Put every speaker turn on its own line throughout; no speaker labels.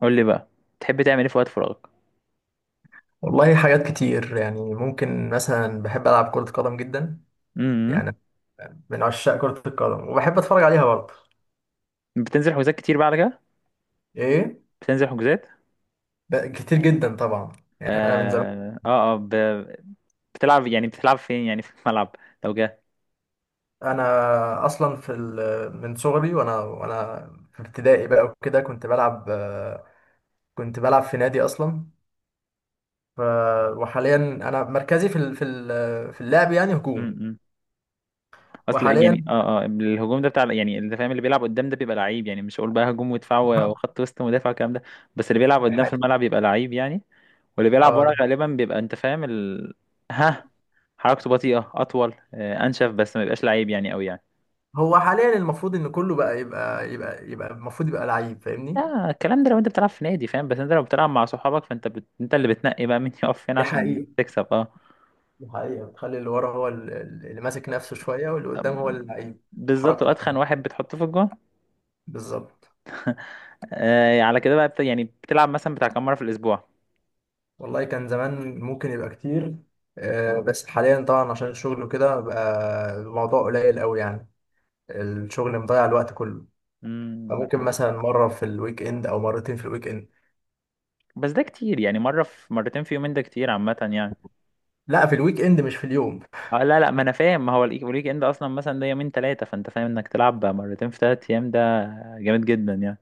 قول لي بقى تحب تعمل ايه في وقت فراغك؟
والله حاجات كتير يعني ممكن مثلا بحب ألعب كرة قدم جدا.
امم
يعني من عشاق كرة القدم وبحب أتفرج عليها برضه.
بتنزل حجوزات كتير بقى على كده؟
إيه،
بتنزل حجوزات.
كتير جدا طبعا. يعني أنا من زمان.
اه اه, آه ب... بتلعب يعني بتلعب فين؟ يعني في الملعب لو جه.
أنا أصلا من صغري وأنا في ابتدائي بقى وكده كنت بلعب، كنت بلعب في نادي أصلا. ف... وحاليا أنا مركزي في اللعب يعني هجوم.
امم اصل
وحاليا
يعني الهجوم ده بتاع يعني اللي فاهم، اللي بيلعب قدام ده بيبقى لعيب، يعني مش هقول بقى هجوم ودفاع وخط وسط ومدافع والكلام ده. بس اللي بيلعب قدام في الملعب بيبقى لعيب يعني. واللي بيلعب ورا
آه،
غالبا بيبقى انت فاهم ها، حركته بطيئة اطول، انشف، بس ما بيبقاش لعيب يعني قوي يعني.
هو حاليا المفروض إن كله بقى يبقى المفروض يبقى لعيب، فاهمني؟
لا الكلام ده لو انت بتلعب في نادي فاهم، بس انت لو بتلعب مع صحابك فانت انت اللي بتنقي بقى مين يقف فين
دي
عشان
حقيقة.
تكسب، اه.
دي حقيقة بتخلي اللي ورا هو اللي ماسك نفسه شوية، واللي قدام هو اللعيب.
بالظبط،
وحركته
واتخن
حلوة.
واحد بتحطه في الجون
بالظبط.
على كده بقى يعني بتلعب مثلا بتاع كام مره في الاسبوع؟
والله كان زمان ممكن يبقى كتير، بس حاليا طبعا عشان الشغل وكده بقى الموضوع قليل قوي يعني. الشغل مضيع الوقت كله.
انا
فممكن
فاهم.
مثلا مرة في الويك اند أو مرتين في الويك اند.
بس ده كتير يعني مره في مرتين في يومين، ده كتير عامه يعني.
لا، في الويك اند مش في اليوم.
آه لا لا، ما انا فاهم، ما هو الويك اند اصلا مثلا ده يومين ثلاثه، فانت فاهم انك تلعب بقى مرتين في ثلاث ايام، ده جامد جدا يعني.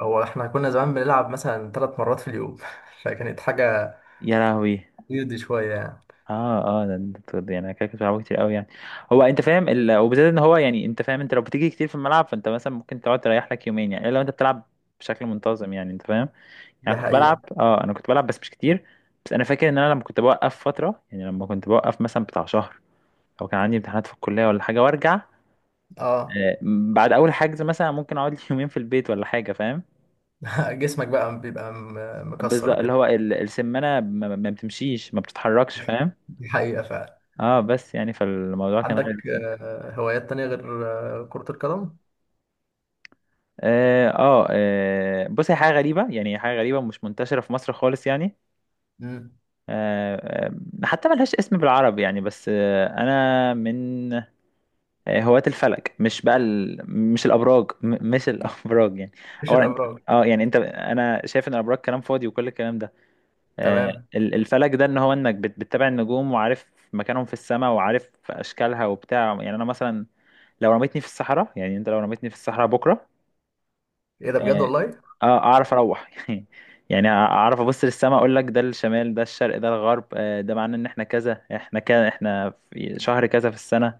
هو احنا كنا زمان بنلعب مثلا 3 مرات في اليوم فكانت حاجة
يا لهوي!
ويرد شوية يعني.
اه يعني انا كده كنت بلعبه كتير قوي يعني. هو انت فاهم وبالذات ان هو، يعني انت فاهم، انت لو بتيجي كتير في الملعب فانت مثلا ممكن تقعد تريح لك يومين يعني، الا لو انت بتلعب بشكل منتظم يعني، انت فاهم؟
دي
يعني كنت بلعب،
حقيقة.
انا كنت بلعب بس مش كتير. بس انا فاكر ان انا لما كنت بوقف فتره، يعني لما كنت بوقف مثلا بتاع شهر او كان عندي امتحانات في الكليه ولا حاجه وارجع،
اه.
آه، بعد اول حجز مثلا ممكن اقعد لي يومين في البيت ولا حاجه، فاهم؟
جسمك بقى بيبقى مكسر
بالظبط، اللي
وكده.
هو السمانه ما بتمشيش، ما بتتحركش، فاهم؟
دي حقيقة فعلا.
اه، بس يعني فالموضوع كان
عندك
غريب.
هوايات تانية غير كرة القدم؟
بص، هي حاجة غريبة يعني، هي حاجة غريبة مش منتشرة في مصر خالص يعني.
امم.
آه، آه، حتى ملهاش اسم بالعربي يعني، بس آه، انا من آه، هواة الفلك، مش بقى مش الابراج، مش الابراج يعني.
مش
اولا انت،
الأبراج.
اه يعني انت، انا شايف ان الابراج كلام فاضي وكل الكلام ده، آه،
تمام.
الفلك ده ان هو انك بتتابع النجوم وعارف مكانهم في السماء وعارف اشكالها وبتاع يعني. انا مثلا لو رميتني في الصحراء، يعني انت لو رميتني في الصحراء بكره،
إيه ده بجد
آه،
والله؟
اه اعرف اروح يعني اعرف ابص للسماء اقول لك ده الشمال ده الشرق ده الغرب، آه، ده معناه ان احنا كذا احنا كذا احنا في شهر كذا في السنة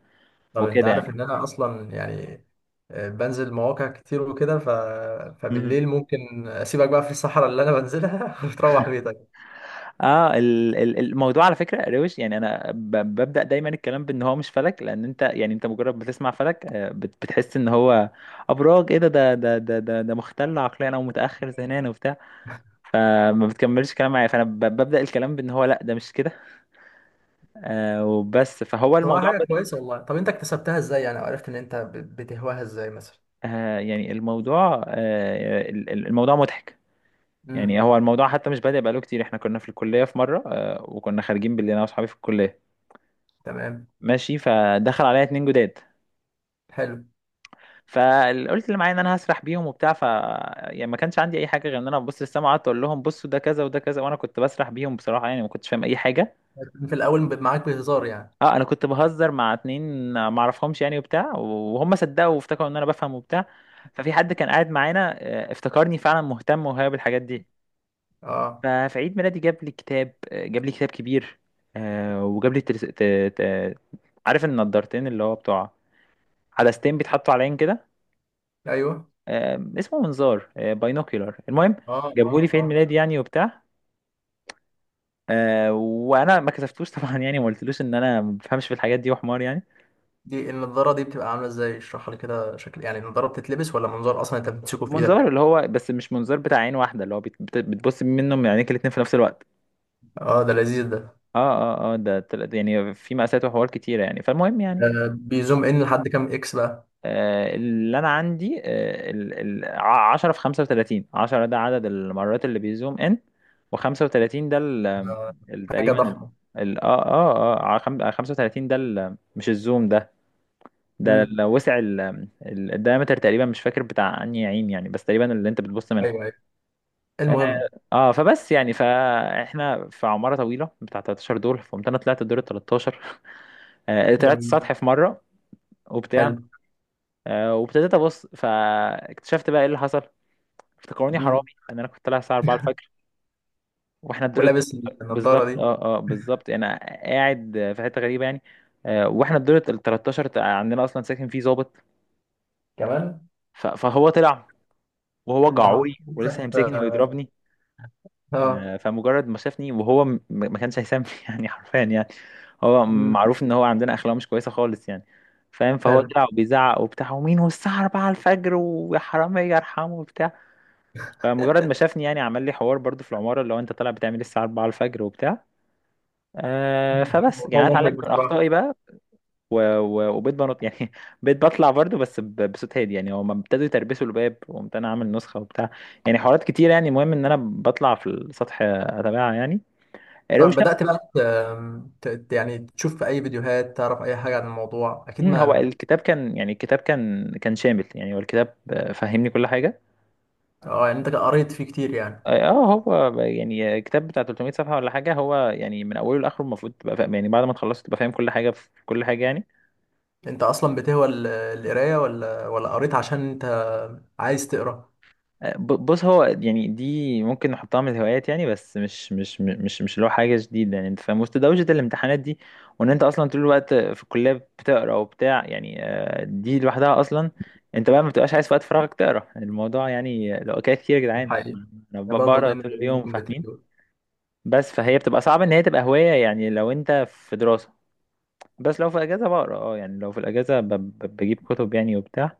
طب أنت
وكده يعني.
عارف إن أنا أصلا يعني بنزل مواقع كتير وكده،
مم.
فبالليل ممكن أسيبك بقى في الصحراء اللي أنا بنزلها وتروح بيتك.
اه الموضوع على فكرة روش يعني. انا ببدأ دايما الكلام بان هو مش فلك، لان انت يعني انت مجرد بتسمع فلك آه بتحس ان هو ابراج، ايه ده ده مختل عقليا او متأخر ذهنيا وبتاع، فما بتكملش كلام معايا، فانا ببدأ الكلام بان هو لا ده مش كده آه وبس، فهو
طب هو
الموضوع.
حاجة كويسة والله. طب أنت اكتسبتها إزاي يعني، وعرفت إن أنت بتهواها إزاي مثلا؟
آه، يعني الموضوع آه، الموضوع مضحك يعني.
امم.
هو الموضوع حتى مش بادئ بقاله كتير. احنا كنا في الكلية في مرة، آه، وكنا خارجين بالليل انا واصحابي في الكلية
تمام.
ماشي، فدخل عليا اتنين جداد،
حلو.
فقلت اللي معايا ان انا هسرح بيهم وبتاع، ف يعني ما كانش عندي اي حاجه غير ان انا ببص للسما، وقعدت اقول لهم بصوا ده كذا وده كذا، وانا كنت بسرح بيهم بصراحه يعني، ما كنتش فاهم اي حاجه.
في الأول معاك بهزار يعني.
اه انا كنت بهزر مع اتنين ما اعرفهمش يعني وبتاع، وهم صدقوا وافتكروا ان انا بفهم وبتاع. ففي حد كان قاعد معانا آه افتكرني فعلا مهتم وهاوي بالحاجات دي،
أه.
ففي عيد ميلادي جاب لي كتاب، جاب لي كتاب كبير، آه، وجاب لي ت... عارف النضارتين اللي هو بتوع عدستين بيتحطوا على عين كده،
أيوه.
آه، اسمه منظار باينوكيولار، المهم
أه.
جابه لي في عيد
أه.
ميلادي يعني وبتاع، آه، وانا ما كسفتوش طبعا يعني، ما قلتلوش ان انا ما بفهمش في الحاجات دي وحمار يعني.
دي النضارة دي بتبقى عاملة ازاي، اشرحها لي كده شكل؟ يعني النضارة بتتلبس، ولا منظار اصلا انت بتمسكه في
منظار
ايدك؟
اللي هو بس مش منظار بتاع عين واحده، اللي هو بتبص منه من عينيك الاتنين في نفس الوقت.
اه ده لذيذ ده.
اه يعني في مقاسات وحوار كتيره يعني، فالمهم يعني
ده بيزوم ان لحد كام اكس بقى؟
آه، اللي انا عندي آه، 10 في 35. 10 ده عدد المرات اللي بيزوم ان، و35 ده
ده حاجة
تقريبا
ضخمة.
35 ده ال- مش الزوم ده، ده
امم.
وسع الدايمتر تقريبا، مش فاكر بتاع انهي عين يعني، بس تقريبا اللي انت بتبص منها.
ايوه ايوه.
اه
المهم.
فبس يعني فاحنا في عمارة طويلة بتاع 13 دور، فقمت انا طلعت الدور ال 13، آه، طلعت
جميل.
السطح في مرة وبتاع،
حلو.
آه، وابتديت ابص، فاكتشفت بقى ايه اللي حصل. افتكروني حرامي،
امم.
ان انا كنت طالع الساعه 4 الفجر، واحنا الدور
ولابس النضارة
بالظبط
دي
بالظبط، انا قاعد في حته غريبه يعني. آه، واحنا الدور ال 13 عندنا اصلا ساكن فيه ظابط،
كمان؟
فهو طلع، وهو
انت حاطط
جعوي ولسه
نفسك
هيمسكني ويضربني.
اه.
آه، فمجرد ما شافني وهو ما كانش هيسامح يعني، حرفيا يعني. هو
امم.
معروف ان هو عندنا اخلاق مش كويسه خالص يعني، فاهم؟ فهو
حلو.
طلع وبيزعق وبتاع ومين والساعه 4 الفجر ويا حراميه ارحمه وبتاع. فمجرد ما شافني يعني عمل لي حوار برضو في العماره اللي هو انت طالع بتعمل ايه الساعه 4 الفجر وبتاع، آه، فبس يعني
الموضوع
انا
محرج
اتعلمت من
بصراحة.
اخطائي بقى. وبقيت بنط يعني بقيت بطلع برضه بس بصوت هادي يعني، هما ابتدوا يتربسوا الباب، وقمت انا عامل نسخه وبتاع، يعني حوارات كتير يعني. المهم ان انا بطلع في السطح اتابعها يعني،
طب
روشه.
بدأت بقى يعني تشوف في اي فيديوهات تعرف اي حاجة عن الموضوع، اكيد؟
مم، هو
ما
الكتاب كان يعني الكتاب كان شامل يعني. هو الكتاب آه فهمني كل حاجه.
اه. يعني انت قريت فيه كتير يعني.
اه آه، هو ب- يعني كتاب بتاع 300 صفحه ولا حاجه، هو يعني من اوله لاخره المفروض تبقى فاهم يعني، بعد ما تخلصت تبقى فاهم كل حاجه في كل حاجه يعني.
انت اصلا بتهوى القرايه، ولا قريت عشان انت عايز تقرا؟
بص، هو يعني دي ممكن نحطها من الهوايات يعني، بس مش اللي هو حاجة جديدة يعني، انت فاهم، وسط دوشة الامتحانات دي، وان انت اصلا طول الوقت في الكلية بتقرا وبتاع يعني، آه دي لوحدها اصلا. انت بقى ما بتبقاش عايز في وقت فراغك تقرا، الموضوع يعني لو حكاية كتير يا
ده
جدعان.
حقيقي.
انا
انا برضه
بقرا
دايما
طول
بقول
اليوم
الجملتين
فاهمين.
دول.
بس فهي بتبقى صعب ان هي تبقى هواية يعني لو انت في دراسة. بس لو في اجازة بقرا، اه يعني لو في الاجازة بجيب كتب يعني وبتاع.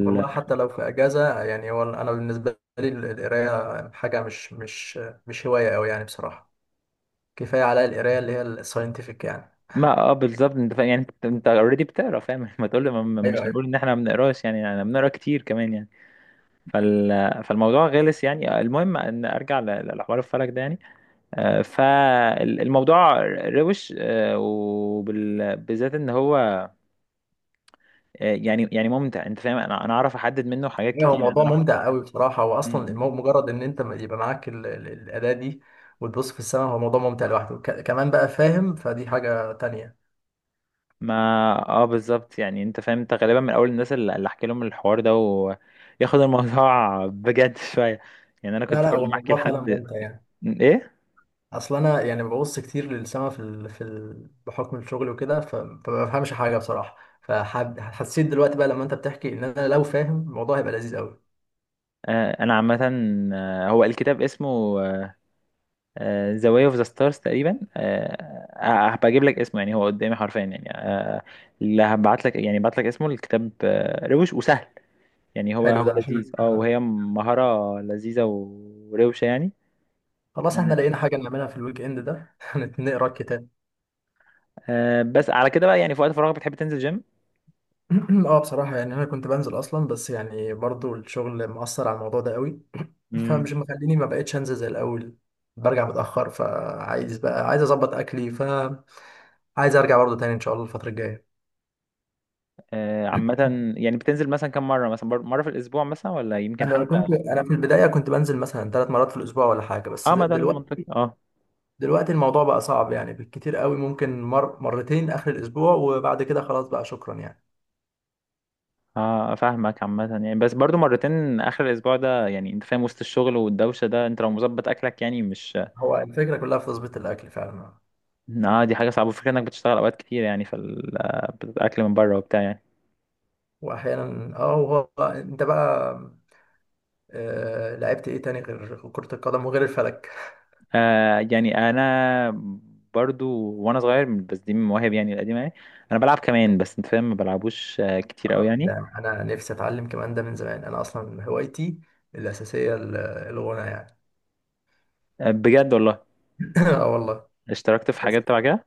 والله حتى لو في اجازه يعني، هو انا بالنسبه لي القرايه حاجه مش هوايه قوي يعني بصراحه. كفايه عليا القرايه اللي هي الساينتفك يعني.
ما اه بالظبط انت فاهم يعني، انت اوريدي بتقرا فاهم ما تقول لي
ايوه.
مش
ايوه.
هنقول ان احنا ما بنقراش يعني، احنا بنقرا كتير كمان يعني. فال... فالموضوع غلس يعني. آه، المهم ان ارجع لحوار الفلك ده يعني. آه، فالموضوع روش، وبالذات ان هو آه، يعني ممتع، انت فاهم؟ انا اعرف احدد منه حاجات
ايوه. هو
كتير يعني،
موضوع
انا اعرف.
ممتع قوي بصراحه. هو
م-
اصلا
م.
مجرد ان انت يبقى معاك الاداه دي، وتبص في السماء، هو موضوع ممتع لوحده كمان بقى، فاهم؟ فدي حاجه تانية.
ما اه بالظبط يعني انت فاهم، انت غالبا من اول الناس اللي احكي لهم الحوار ده وياخد الموضوع بجد شويه يعني. انا
لا،
كنت
لا، هو
كل ما احكي
الموضوع فعلا
لحد
ممتع يعني.
ايه.
اصل انا يعني ببص كتير للسما بحكم الشغل وكده، فما بفهمش حاجه بصراحه. فحسيت دلوقتي بقى لما انت بتحكي ان انا لو فاهم الموضوع هيبقى لذيذ قوي.
آه انا عامه آه، هو الكتاب اسمه ذا واي اوف ذا ستارز تقريبا، هبقى اجيب لك اسمه يعني، هو قدامي حرفيا يعني، آه، اللي هبعت لك يعني، بعت لك اسمه الكتاب آه، روش وسهل يعني. هو
حلو.
هو
ده عشان
لذيذ، اه، وهي مهاره لذيذه وروشه يعني.
خلاص احنا
آه
لقينا حاجه نعملها في الويك اند ده نقرا الكتاب.
بس على كده بقى، يعني في وقت فراغك بتحب تنزل جيم؟
اه بصراحه يعني انا كنت بنزل اصلا، بس يعني برضو الشغل مأثر على الموضوع ده قوي.
امم
فمش مخليني، ما بقتش انزل زي الاول. برجع متأخر فعايز بقى، عايز اظبط اكلي، فعايز ارجع برضو تاني ان شاء الله الفتره الجايه.
آه عامه يعني، بتنزل مثلا كم مره مثلا مره في الاسبوع مثلا، ولا يمكن حتى؟
انا في البدايه كنت بنزل مثلا 3 مرات في الاسبوع ولا حاجه، بس
اه ما ده المنطقي،
دلوقتي.
اه.
دلوقتي الموضوع بقى صعب يعني. بالكتير قوي ممكن مرتين اخر الاسبوع، وبعد كده خلاص بقى شكرا يعني.
اه فاهمك عامة يعني، بس برضو مرتين اخر الاسبوع ده يعني انت فاهم، وسط الشغل والدوشة ده انت لو مظبط اكلك يعني مش،
هو الفكره كلها في تظبيط الاكل فعلا.
اه دي حاجة صعبة، فكرة انك بتشتغل اوقات كتير يعني في آه، الاكل من بره وبتاع يعني.
واحيانا. اه. هو انت بقى لعبت ايه تاني غير كرة القدم وغير الفلك؟
آه يعني انا برضو وانا صغير، بس دي من مواهب يعني القديمة يعني، انا بلعب كمان بس انت فاهم، ما بلعبوش آه كتير قوي يعني.
ده انا نفسي اتعلم كمان ده من زمان. انا اصلا هوايتي الاساسيه الغنى يعني.
آه، بجد والله؟
اه والله.
اشتركت في حاجات تبع كده؟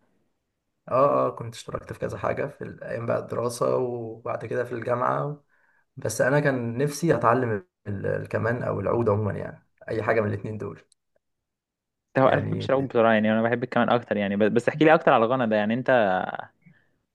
اه. اه. كنت اشتركت في كذا حاجة في الأيام بقى الدراسة وبعد كده في الجامعة. بس أنا كان نفسي أتعلم الكمان أو العود عموما، يعني أي حاجة من الاتنين دول.
هو انا ما بحبش
يعني
العب بسرعة يعني، انا بحب الكمان اكتر يعني، بس بس احكي لي اكتر على الغنى ده يعني. انت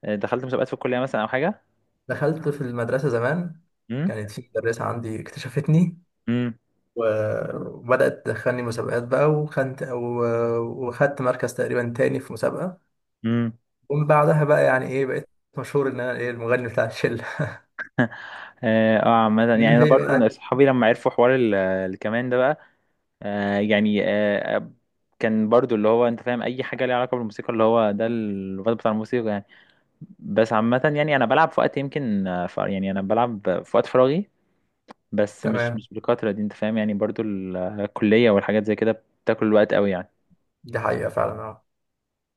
آه، دخلت مسابقات في الكلية مثلا او حاجة؟
دخلت في المدرسة زمان.
امم
كانت في مدرسة عندي اكتشفتني،
امم
و- وبدأت تدخلني مسابقات بقى، وخدت مركز تقريبا تاني في مسابقة.
امم
ومن بعدها بقى يعني إيه، بقيت مشهور إن أنا إيه، المغني بتاع الشلة.
اه آه، عامة
من
يعني انا
هي
برضه من
بقى.
صحابي لما عرفوا حوار الكمان ده بقى، آه يعني كان برضه اللي هو انت فاهم، اي حاجة ليها علاقة بالموسيقى، اللي هو ده الواد بتاع الموسيقى يعني. بس عامة يعني انا بلعب في وقت، يمكن آه، يعني انا بلعب في وقت فراغي، بس مش
تمام.
مش بالكترة دي انت فاهم يعني، برضه الكلية والحاجات زي كده بتاكل الوقت قوي يعني.
دي حقيقة فعلا آه.